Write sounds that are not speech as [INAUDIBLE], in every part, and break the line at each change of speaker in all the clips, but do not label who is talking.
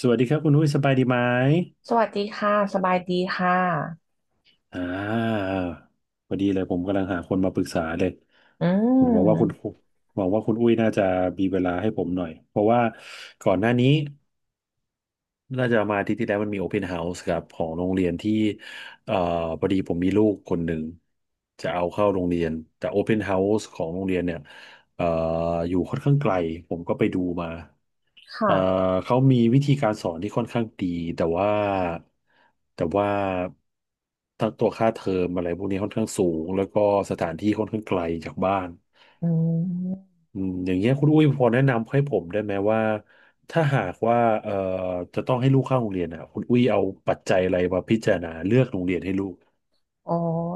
สวัสดีครับคุณอุ้ยสบายดีไหม
สวัสดีค่ะสบายดีค่ะ
อ่าพอดีเลยผมกำลังหาคนมาปรึกษาเลย
อื
ผมหวังว่าคุณ
ม
หวังว่าคุณอุ้ยน่าจะมีเวลาให้ผมหน่อยเพราะว่าก่อนหน้านี้ น่าจะมาอาทิตย์ที่แล้วมันมีโอเพนเฮาส์ครับของโรงเรียนที่เอ่อพอดีผมมีลูกคนหนึ่งจะเอาเข้าโรงเรียนแต่โอเพนเฮาส์ของโรงเรียนเนี่ยเอ่ออยู่ค่อนข้างไกลผมก็ไปดูมาเอ่อ
ค่ะ
เขามีวิธีการสอนที่ค่อนข้างดีแต่ว่าแต่ว่าทั้งตัวค่าเทอมอะไรพวกนี้ค่อนข้างสูงแล้วก็สถานที่ค่อนข้างไกลจากบ้าน
อืม
อืมอย่างเงี้ยคุณอุ้ยพอแนะนำให้ผมได้ไหมว่าถ้าหากว่าเอ่อจะต้องให้ลูกเข้าโรงเรียนอ่ะคุณอุ้ยเอาปัจจัยอะไรมาพิจารณาเลือกโรงเรียนให้ลูก
อ๋อ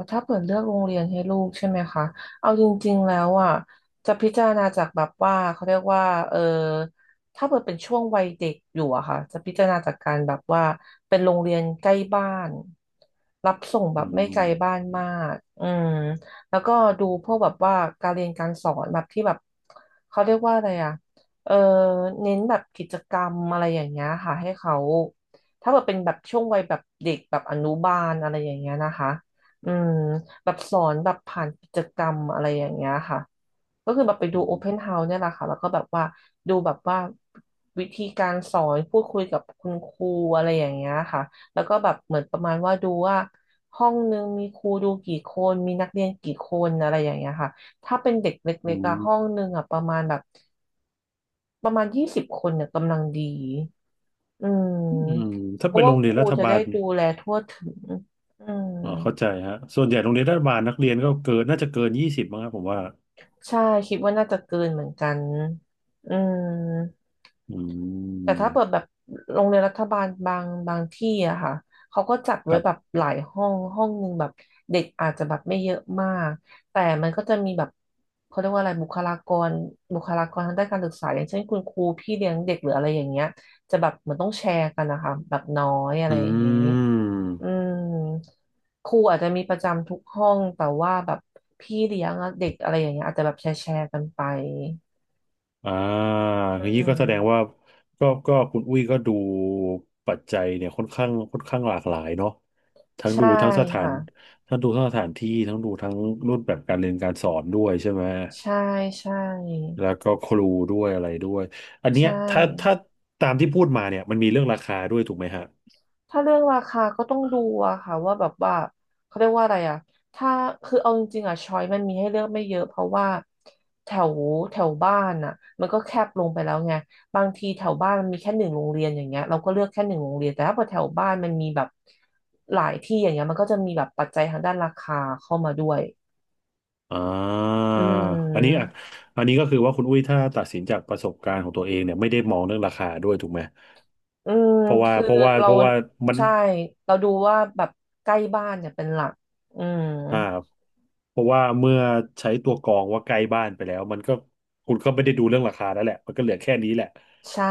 ถ้าเปิดเลือกโรงเรียนให้ลูกใช่ไหมคะเอาจริงๆแล้วอ่ะจะพิจารณาจากแบบว่าเขาเรียกว่าเออถ้าเปิดเป็นช่วงวัยเด็กอยู่อะค่ะจะพิจารณาจากการแบบว่าเป็นโรงเรียนใกล้บ้านรับส่งแบ
อื
บไม่ไกล
ม
บ้านมากอืมแล้วก็ดูพวกแบบว่าการเรียนการสอนแบบที่แบบเขาเรียกว่าอะไรอ่ะเออเน้นแบบกิจกรรมอะไรอย่างเงี้ยค่ะให้เขาถ้าแบบเป็นแบบช่วงวัยแบบเด็กแบบอนุบาลอะไรอย่างเงี้ยนะคะ อืมแบบสอนแบบผ่านกิจกรรมอะไรอย่างเงี้ยค่ะก็คือแบบไปดู
อื
โอเพน
ม
เฮาส์เนี่ยแหละค่ะแล้วก็แบบว่าดูแบบว่าวิธีการสอนพูดคุยกับคุณครูอะไรอย่างเงี้ยค่ะแล้วก็แบบเหมือนประมาณว่าดูว่าห้องนึงมีครูดูกี่คนมีนักเรียนกี่คนอะไรอย่างเงี้ยค่ะถ้าเป็นเด็กเล
อื
็กๆอะห้อง
ม
นึงอะประมาณแบบประมาณ20 คนเนี่ยกำลังดีอืม
อืม
เพ
ถ้าเป็
ราะ
น
ว่า
โรงเรี
ค
ยน
รู
รัฐ
จะ
บา
ได้
ล
ดูแลทั่วถึงอืม
อ๋อเข้าใจฮะส่วนใหญ่โรงเรียนรัฐบาลนักเรียนก็เกินน่าจะเกินยี่สิบมั้งครับผมว่า
ใช่คิดว่าน่าจะเกินเหมือนกันอืม
อื
แต่ถ้าเปิด
ม
แบบโรงเรียนรัฐบาลบางที่อะค่ะเขาก็จัด
ค
ไว้
รั
แบบ
บ
หลายห้องห้องหนึ่งแบบเด็กอาจจะแบบไม่เยอะมากแต่มันก็จะมีแบบเขาเรียกว่าอะไรบุคลากรบุคลากรทางด้านการศึกษาอย่างเช่นคุณครูพี่เลี้ยงเด็กหรืออะไรอย่างเงี้ยจะแบบเหมันต้องแชร์กันนะคะแบบน้อยอะไร
อื
อย่างงี้
ม
อืมครูอาจจะมีประจำทุกห้องแต่ว่าแบบพี่เลี้ยงอะเด็กอะไรอย่างเงี้ยอาจจะแบบแชร์กันไป
อ่าอ
อื
ย่างนี้ก็
ม
แสดงว่าก็คุณอุ้ยก็ดูปัจจัยเนี่ยค่อนข้างหลากหลายเนาะทั้งดู
ใช่
ทั้งสถา
ค่ะ
นทั้งดูทั้งสถานที่ทั้งดูทั้งรูปแบบการเรียนการสอนด้วยใช่ไหม
ใช่ใช่
แล้วก็ครูด้วยอะไรด้วยอัน
ใช
เนี้ยถ้า
่
ตามที่พูดมาเนี่ยมันมีเรื่องราคาด้วยถูกไหมฮะ
ถ้าเรื่องราคาก็ต้องดูอะค่ะว่าแบบว่าเขาเรียกว่าอะไรอะถ้าคือเอาจริงๆอะช้อยมันมีให้เลือกไม่เยอะเพราะว่าแถวแถวบ้านอะมันก็แคบลงไปแล้วไงบางทีแถวบ้านมันมีแค่หนึ่งโรงเรียนอย่างเงี้ยเราก็เลือกแค่หนึ่งโรงเรียนแต่ถ้าพอแถวบ้านมันมีแบบหลายที่อย่างเงี้ยมันก็จะมีแบบปัจจัยทางด้านราคาเข้ามาด้วย
อ่า
อื
อันนี้อ่ะ
ม
อันนี้ก็คือว่าคุณอุ้ยถ้าตัดสินจากประสบการณ์ของตัวเองเนี่ยไม่ได้มองเรื่องราคาด้วยถูกไหม
อืม
เพราะว่า
คือ
เพราะว่า
เรา
เพราะว่ามัน
ใช่เราดูว่าแบบใกล้บ้านเนี่ยเป็นหลักอืม
อ่าเพราะว่าเมื่อใช้ตัวกรองว่าใกล้บ้านไปแล้วมันก็คุณก็ไม่ได้ดูเรื่องราคาแล้วแหละมันก็เหลือแค่นี้แหละ
ใช่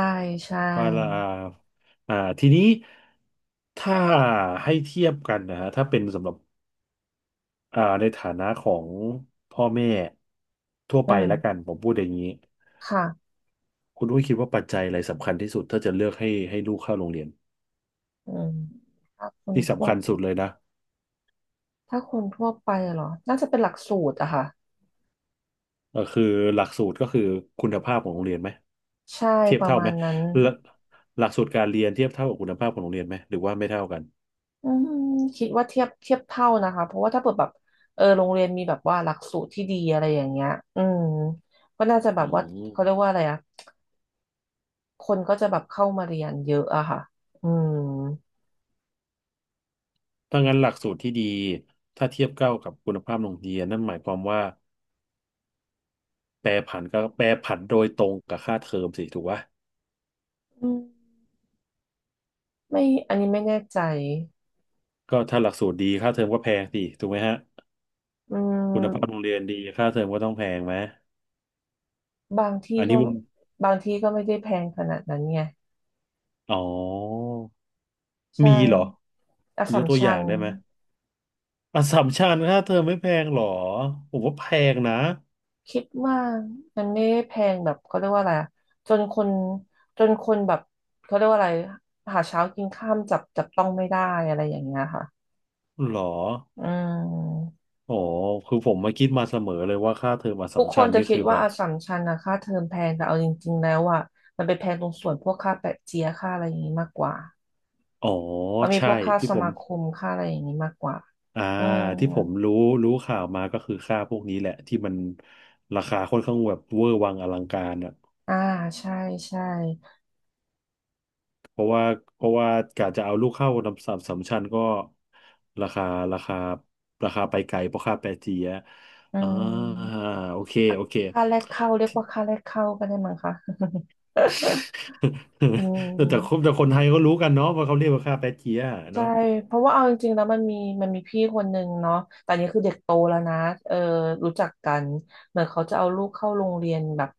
ใช่
ว่าละอ่าอ่าทีนี้ถ้าให้เทียบกันนะฮะถ้าเป็นสำหรับอ่าในฐานะของพ่อแม่ทั่ว
อื
ไปแล้วกั
ม
นผมพูดอย่างนี้
ค่ะ
คุณอุ้ยคิดว่าปัจจัยอะไรสำคัญที่สุดถ้าจะเลือกให้ให้ลูกเข้าโรงเรียน
อืมถ้าคน
ที่
ทั่ว
สำคัญสุดเลยนะ
ถ้าคนทั่วไปเหรอน่าจะเป็นหลักสูตรอะค่ะ
เออคือหลักสูตรก็คือคุณภาพของโรงเรียนไหม
ใช่
เทียบ
ประ
เท่า
มา
ไหม
ณนั้น
หลักหลักสูตรการเรียนเทียบเท่ากับคุณภาพของโรงเรียนไหมหรือว่าไม่เท่ากัน
อืมคิดว่าเทียบเท่านะคะเพราะว่าถ้าเปิดแบบโรงเรียนมีแบบว่าหลักสูตรที่ดีอะไรอย่างเงี้ยอืมก็น่าจะแบ
อื
บว่าเขาเรีย
ม
กว่าอะไรอะคนก็จะแบบเข้ามาเรียนเยอะอะค่ะอืม
ถ้างั้นหลักสูตรที่ดีถ้าเทียบเท่ากับคุณภาพโรงเรียนนั่นหมายความว่าแปรผันก็แปรผันโดยตรงกับค่าเทอมสิถูกปะ
อืม ไม่อันนี้ไม่แน่ใจ
ก็ถ้าหลักสูตรดีค่าเทอมก็แพงสิถูกไหมฮะ
อื
คุณภาพโรง
ม
เรียนดีค่าเทอมก็ต้องแพงไหม
บางที่
อัน
ก็
นี้มุม
บางที่ก็ไม่ได้แพงขนาดนั้นไง
อ๋อ
ใช่
มีเหรอ
อส
ย
สัม
กตัวอ
ชั
ย่าง
ญ
ได้ไหม อัสสัมชัญค่าเทอมไม่แพงหรอผมว่าแพงนะ
คิดว่ามันไม่ได้แพงแบบเขาเรียกว่าอะไรอะจนคนจนคนแบบเขาเรียกว่าอะไรหาเช้ากินค่ำจับต้องไม่ได้อะไรอย่างเงี้ยค่ะ
หรอ
อืม
อ๋อคือผมมาคิดมาเสมอเลยว่าค่าเทอมอัสสั
ทุก
ม
ค
ชั
น
ญ
จะ
นี่
คิด
คือแบ
ว่า
บ
อัสสัมชัญนะค่าเทอมแพงแต่เอาจริงๆแล้วอ่ะมันไปแพงตรงส่วนพวกค่าแปะเจียค่าอะไรอย่างงี้มากกว่า
อ๋อ
มันมีพ
ใช่
วกค่า
ที่
ส
ผ
มา
ม
คมค่าอะไรอย่างนี้มากกว่า
อ่า
อืม
ที่ผมรู้รู้ข่าวมาก็คือค่าพวกนี้แหละที่มันราคาค่อนข้างแบบเวอร์วังอลังการอ่ะ
อ่า ใช่ใช่
เพราะว่าเพราะว่ากะจะเอาลูกเข้าอัสสัมสัมชัญก็ราคาราคาราคาไปไกลเพราะค่าแปรเจีย
อื
อ่า
ม
โอเค
ค่า
โอเค
ค่าแรกเข้าเรียกว่าค่าแรกเข้าก็ได้มั้งคะ [LAUGHS] อื
[LAUGHS] แต่
ม
แต่คนแต่คนไทยก็รู้กันเนาะว่าเขาเรียกว่าค่าแป๊ะเจี๊ยะ
ใช่
เนาะ
เพราะว่าเอาจริงๆแล้วมันมีพี่คนหนึ่งเนาะแต่อันนี้คือเด็กโตแล้วนะเออรู้จักกันเหมือนเขาจะเอาลูกเข้าโรงเรียนแบบ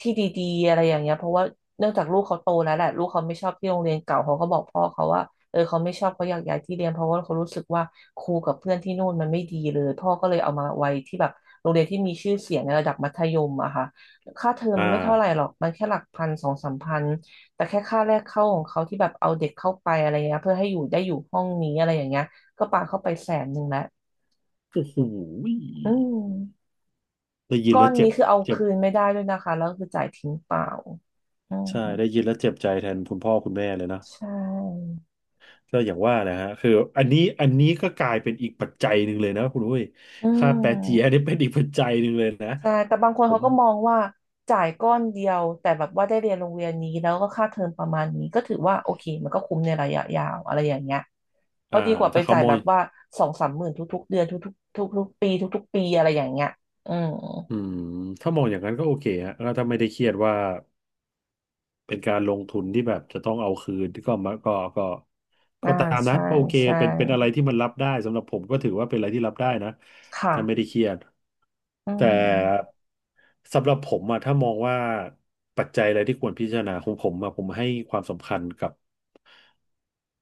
ที่ดีๆอะไรอย่างเงี้ยเพราะว่าเนื่องจากลูกเขาโตแล้วแหละลูกเขาไม่ชอบที่โรงเรียนเก่าเขาก็บอกพ่อเขาว่าเออเขาไม่ชอบเขาอยากย้ายที่เรียนเพราะว่าเขารู้สึกว่าครูกับเพื่อนที่นู่นมันไม่ดีเลยพ่อก็เลยเอามาไว้ที่แบบโรงเรียนที่มีชื่อเสียงในระดับมัธยมอะค่ะค่าเทอม
อ่า
ไม่เท่าไหร่หรอกมันแค่หลักพันสองสามพัน แต่แค่ค่าแรกเข้าของเขาที่แบบเอาเด็กเข้าไปอะไรเงี้ยเพื่อให้อยู่ได้อยู่ห้องนี้อะไรอย่างเงี้ยก็ปาเข้าไปแสนหนึ่งแล้ว
โอ้โห
อืม
ได้ยิน
ก้อ
แล้ว
น
เจ็
นี้
บ
คือเอา
เจ็บ
คืนไม่ได้ด้วยนะคะแล้วคือจ่ายทิ้งเปล่าอืม
ใช่ได้ยินแล้วเจ็บใจแทนคุณพ่อคุณแม่เลยนะ
ใช่
ก็อย่างว่านะฮะคืออันนี้อันนี้ก็กลายเป็นอีกปัจจัยหนึ่งเลยนะคุณอุ้ย
อื
ค่าแป๊ะเจี๊ยะ
ม
นี่เป็นอีกปัจจัยหนึ่งเลยนะ
ใช่แต่บางคน
ผ
เขา
ม
ก็มองว่าจ่ายก้อนเดียวแต่แบบว่าได้เรียนโรงเรียนนี้แล้วก็ค่าเทอมประมาณนี้ก็ถือว่าโอเคมันก็คุ้มในระยะยาวอะไรอย่างเงี้ยเพ
อ่า
ราะดีกว่าไป
ถ้าเขา
จ่าย
มอ
แบ
ง
บว่าสองสามหมื่นทุกๆเดือนทุกๆทุกๆปีทุกๆปีอะไรอย่างเงี้ยอืม
อืมถ้ามองอย่างนั้นก็โอเคฮะก็้วถ้าไม่ได้เครียดว่า เป็นการลงทุนที่แบบจะต้องเอาคืนก็มาก็ก็
อ่า
ก็ตามนั้
ใช่
นก็โอเค
ใช่
เป็นเป็นอะไรที่มันรับได้สำหรับผมก็ถือว่าเป็นอะไรที่รับได้นะถ้าไม่
ค่ะ
ได้เครียด
อื
แต่
ม
สำหรับผมอะถ้ามองว่าปัจจัยอะไรที่ควรพิจารณาของผมอะผมให้ความสำคัญกับ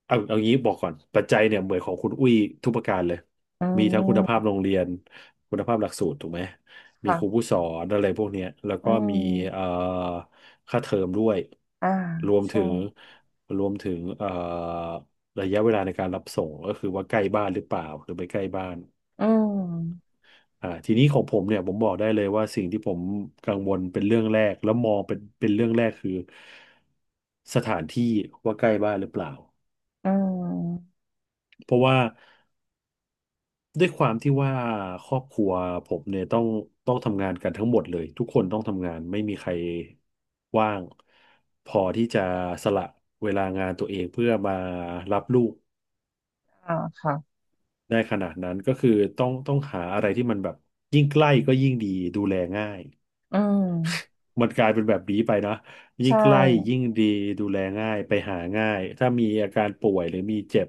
เอาเอางี้บอกก่อนปัจจัยเนี่ยเหมือนของคุณอุ้ยทุกประการเลย
อื
มีทั้งคุณภา
ม
พโรงเรียนคุณภาพหลักสูตรถูกไหมมีครู
ค่ะ
ผู้สอนอะไรพวกเนี้ยแล้ว
อื
ก็มีเอ่อ
ม
ค่าเทอมด้วย
อ่า
รวม
ใช่
ถึงรวมถึงระยะเวลาในการรับส่งก็คือว่าใกล้บ้านหรือเปล่าหรือไม่ใกล้บ้าน
อืม
อ่าทีนี้ของผมเนี่ยผมบอกได้เลยว่าสิ่งที่ผมกังวลเป็นเรื่องแรกแล้วมองเป็นเรื่องแรกคือสถานที่ว่าใกล้บ้านหรือเปล่า
อืม
เพราะว่า ด้วยความที่ว่าครอบครัวผมเนี่ยต้องทำงานกันทั้งหมดเลยทุกคนต้องทำงานไม่มีใครว่างพอที่จะสละเวลางานตัวเองเพื่อมารับลูก
อ่าค่ะ
ได้ขนาดนั้นก็คือต้องหาอะไรที่มันแบบยิ่งใกล้ก็ยิ่งดีดูแลง่าย
อืม
มันกลายเป็นแบบนี้ไปนะยิ่ง
ใช่
ใกล้ยิ่งดีดูแลง่ายไปหาง่ายถ้ามีอาการป่วยหรือมีเจ็บ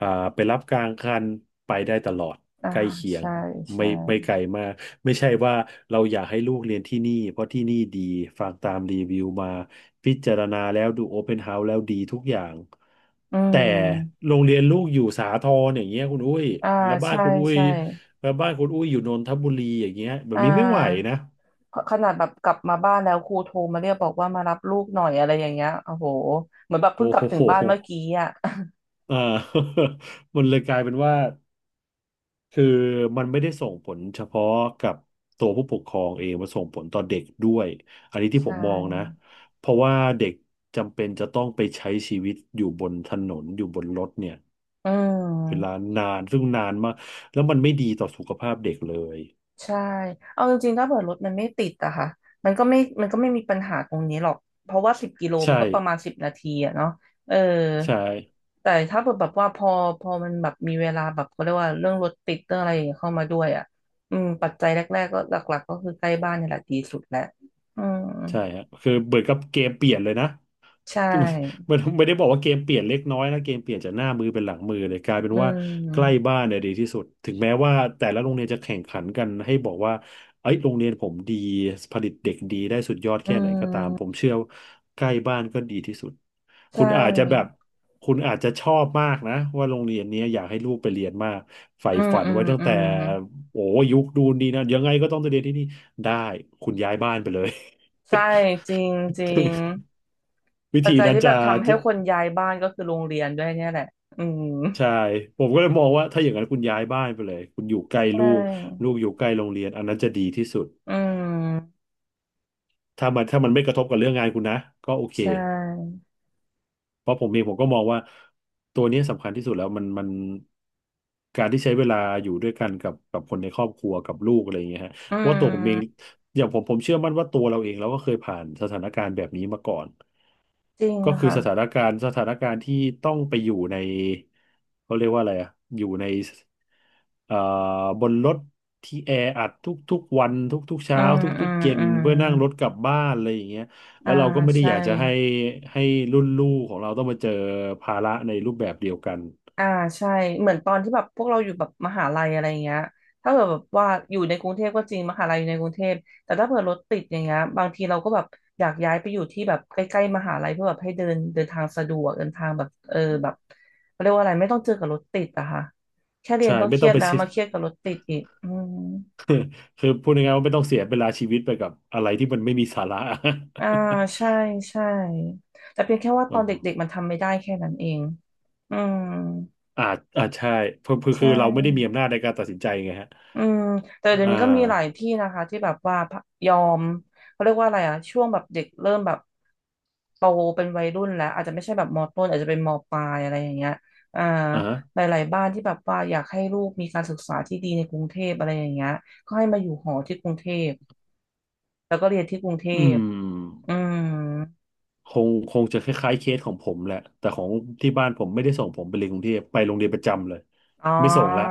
อ่าไปรับกลางคันไปได้ตลอด
อ่า
ใกล้เคียง
ใช่
ไม่
ใช่
ไม่ไกลมากไม่ใช่ว่าเราอยากให้ลูกเรียนที่นี่เพราะที่นี่ดีฟังตามรีวิวมาพิจารณาแล้วดูโอเพนเฮาส์แล้วดีทุกอย่าง
อื
แต่
ม
โรงเรียนลูกอยู่สาทรอย่างเงี้ยคุณอุ้ย
อ่า
แล้วบ้าน
ใช่
คุณอุ้ย
ใช่
แล้วบ้านคุณอุ้ยอยู่นนทบุรีอย่างเงี้ยแบบ
อ่
นี้ไม่ไหว
า
นะ
ขขนาดแบบกลับมาบ้านแล้วครูโทรมาเรียกบอกว่ามารับลูกหน่อยอะไรอย่างเงี้ยโอ้โหเหมือนแบบเพิ่ง
โอ้
ก
โ
ลับถึง
ห
บ้านเมื่อกี้อ่ะ
อ่า [LAUGHS] มันเลยกลายเป็นว่าคือมันไม่ได้ส่งผลเฉพาะกับตัวผู้ปกครองเองมันส่งผลต่อเด็กด้วยอันนี้
[LAUGHS]
ที่ผ
ใช่
มมองนะเพราะว่าเด็กจำเป็นจะต้องไปใช้ชีวิตอยู่บนถนนอยู่บนรถเนี่ย
อื
เวลา
ม
นานซึ่งนานมากแล้วมันไม่ดีต่อสุขภาพเด็กเลย
ใช่ เอาจริงๆ ถ้าเผื่อรถมันไม่ติดอะค่ะมันก็ไม่มีปัญหาตรงนี้หรอก เพราะว่าสิบกิโลมั
ใช่
นก็ประมาณสิบนาทีอะเนาะเออ
ใช่
แต่ถ้าเผื่อแบบว่าพอมันแบบมีเวลาแบบเขาเรียกว่าเรื่องรถติดเรื่องอะไรอย่างเงี้ยเข้ามาด้วยอะอืมปัจจัยแรกๆก็หลักๆ ก็คือใกล้บ้านนี่แหละดีสุดแหละอืม
ใช่ฮะคือเหมือนกับเกมเปลี่ยนเลยนะ
ใช
ก็ไม่
่
[LAUGHS] ไม่ได้บอกว่าเกมเปลี่ยนเล็กน้อยนะเกมเปลี่ยนจากหน้ามือเป็นหลังมือเลยกลายเป็น
อื
ว่าใกล้
ม
บ้านเนี่ยดีที่สุดถึงแม้ว่าแต่ละโรงเรียนจะแข่งขันกันให้บอกว่าเอ้ยโรงเรียนผมดีผลิตเด็กดีได้สุดยอด
อื
แค่ไหนก็ตามผม
ม
เชื่อว่าใกล้บ้านก็ดีที่สุด
ใช
คุณอาจจะแบบ
่
คุณอาจจะชอบมากนะว่าโรงเรียนเนี้ยอยากให้ลูกไปเรียนมากใฝ่
อืม
ฝัน
อืม
ไว้ตั้ง
อื
แต่
ม
โอ้ยุคดูนดีนะยังไงก็ต้องไปเรียนที่นี่ได้คุณย้ายบ้านไปเลย
ใช่ จริงจริง
[LAUGHS] วิ
ปัจ
ธี
จัย
นั้น
ที่แบ
จะ
บทำให้คนย้ายบ้านก็คือโรงเรียนด้วยเนี่ยแหละ อืม
ใช่ผมก็เลยมองว่าถ้าอย่างนั้นคุณย้ายบ้านไปเลยคุณอยู่ใกล้
ใช่
ลูกลูกอยู่ใกล้โรงเรียนอันนั้นจะดีที่สุด
อืม
ถ้ามันไม่กระทบกับเรื่องงานคุณนะก็โอเค
ใช่
เพราะผมเองผมก็มองว่าตัวนี้สำคัญที่สุดแล้วมันการที่ใช้เวลาอยู่ด้วยกันกับคนในครอบครัวกับลูกอะไรอย่างเงี้ยฮะ
อื
เพราะว่าตัวผมเอง
ม
อย่างผมผมเชื่อมั่นว่าตัวเราเองเราก็เคยผ่านสถานการณ์แบบนี้มาก่อน
จริง
ก็คือ
ค่ะ
สถานการณ์ที่ต้องไปอยู่ในเขาเรียกว่าอะไรอะอยู่ในเอ่อบนรถที่แออัดทุกๆวันทุกๆ
อื
เช้า
มอื
ทุก
ม
ๆเย็น
อืม
เพื่อนั่งรถกลับบ้านอะไรอย่างเงี้ยแล้
อ่า
วเราก็ไม่ได้
ใช่
อยากจะให้รุ่นลูกของเราต้องมาเจอภาระในรูปแบบเดียวกัน
อ่าใช่เหมือนตอนที่แบบพวกเราอยู่แบบมหาลัยอะไรเงี้ยถ้าเกิดแบบว่าอยู่ในกรุงเทพก็จริงมหาลัยอยู่ในกรุงเทพแต่ถ้าเผื่อรถติดอย่างเงี้ยบางทีเราก็แบบอยากย้ายไปอยู่ที่แบบใกล้ๆมหาลัยเพื่อแบบให้เดินเดินทางสะดวกเดินทางแบบเออแบบเขาเรียกว่าอะไรไม่ต้องเจอกับรถติดอะค่ะแค่เรีย
ใช่
นก็
ไม่
เครี
ต้อ
ย
ง
ด
ไป
แล้
[LAUGHS]
ว
เสีย
มาเครียดกับรถติดอีกอืม
คือพูดง่ายๆว่าไม่ต้องเสียเวลาชีวิตไปกับอะไรที่มันไม่มีสาระ
อ่าใช่
[LAUGHS]
ใช่แต่เพียงแค่ว่าต
อ๋อ
อนเด็กๆมันทำไม่ได้แค่นั้นเองอืม
อาจใช่คือคือ
ใช่
คือเราไม่ได้มีอำนาจในการตัดสินใจไงฮะ
อืมแต่เดี๋ย
อ่
วนี้ก็มีหลาย
า
ที่นะคะที่แบบว่ายอมเขาเรียกว่าอะไรอะช่วงแบบเด็กเริ่มแบบโตเป็นวัยรุ่นแล้วอาจจะไม่ใช่แบบมต้นอาจจะเป็นมปลายอะไรอย่างเงี้ยอ่า
อ่าฮะ
หลายๆบ้านที่แบบว่าอยากให้ลูกมีการศึกษาที่ดีในกรุงเทพอะไรอย่างเงี้ยก็ให้มาอยู่หอที่กรุงเทพแล้วก็เรียนที่กรุงเท
อื
พ
ม
อืม
คงจะคล้ายๆเคสของผมแหละแต่ของที่บ้านผมไม่ได้ส่งผมไปเรียนกรุงเทพไปโรงเรียนประจำเลย
อ๋อ
ไม่ส่งละ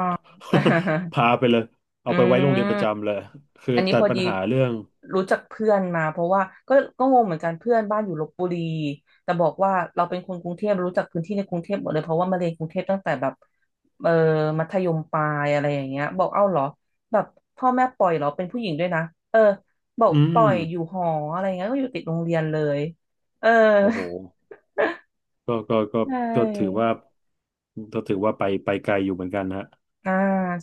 [LAUGHS]
[LAUGHS]
พาไปเลยเอา
อื
ไปไว้โรงเรียนประ
ม
จำเลยคือ
อันนี้
ตั
พ
ด
อ
ปั
ดี
ญหาเรื่อง
รู้จักเพื่อนมาเพราะว่าก็งงเหมือนกันเพื่อนบ้านอยู่ลพบุรีแต่บอกว่าเราเป็นคนกรุงเทพรู้จักพื้นที่ในกรุงเทพหมดเลยเพราะว่ามาเรียนกรุงเทพตั้งแต่แบบเออมัธยมปลายอะไรอย่างเงี้ยบอกเอ้าเหรอแบบพ่อแม่ปล่อยเหรอเป็นผู้หญิงด้วยนะเออบอก
อื
ป
ม
ล่อยอยู่หออะไรเงี้ยก็อยู่ติดโรงเรียนเลยเออ
โอ้โหก็
[LAUGHS] ใช
ก็ถือ
่
ว่าก็ถือว่าไปไปไกลอยู่เหมือนกันฮะ
อ่า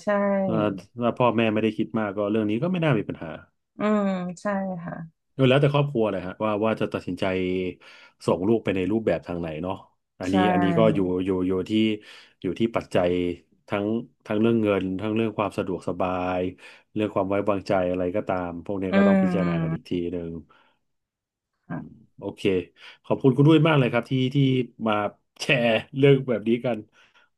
ใช่
เอ่อถ้าพ่อแม่ไม่ได้คิดมากก็เรื่องนี้ก็ไม่น่ามีปัญหา
อืมใช่ค่ะ
แล้วแต่ครอบครัวเลยฮะว่าว่าจะตัดสินใจส่งลูกไปในรูปแบบทางไหนเนาะอัน
ใช่
นี้อันนี้ก็อยู่ที่อยู่ที่ปัจจัยทั้งทั้งเรื่องเงินทั้งเรื่องความสะดวกสบายเรื่องความไว้วางใจอะไรก็ตามพวกนี้
อื
ก็ต้องพิจารณากันอี
ม
กทีหนึ่งอืม
ค่ะ
โอเคขอบคุณคุณด้วยมากเลยครับที่มาแชร์เรื่องแบบนี้กัน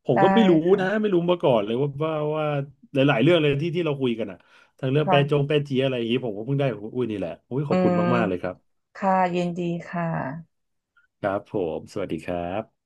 ผม
ได้
ก็ไม่รู้นะ
ค่ะ
ไม่รู้มาก่อนเลยว่าหลายๆเรื่องเลยที่เราคุยกันอะทั้งเรื่องแปรจง
ค่ะ
แปรจีอะไรอย่างนี้ผมก็เพิ่งได้ของคุณอุ้ยนี่แหละอุ้ยข
อื
อบคุณ
ม
มากๆเลยครับ
ค่ะยินดีค่ะ
ครับผมสวัสดีครับ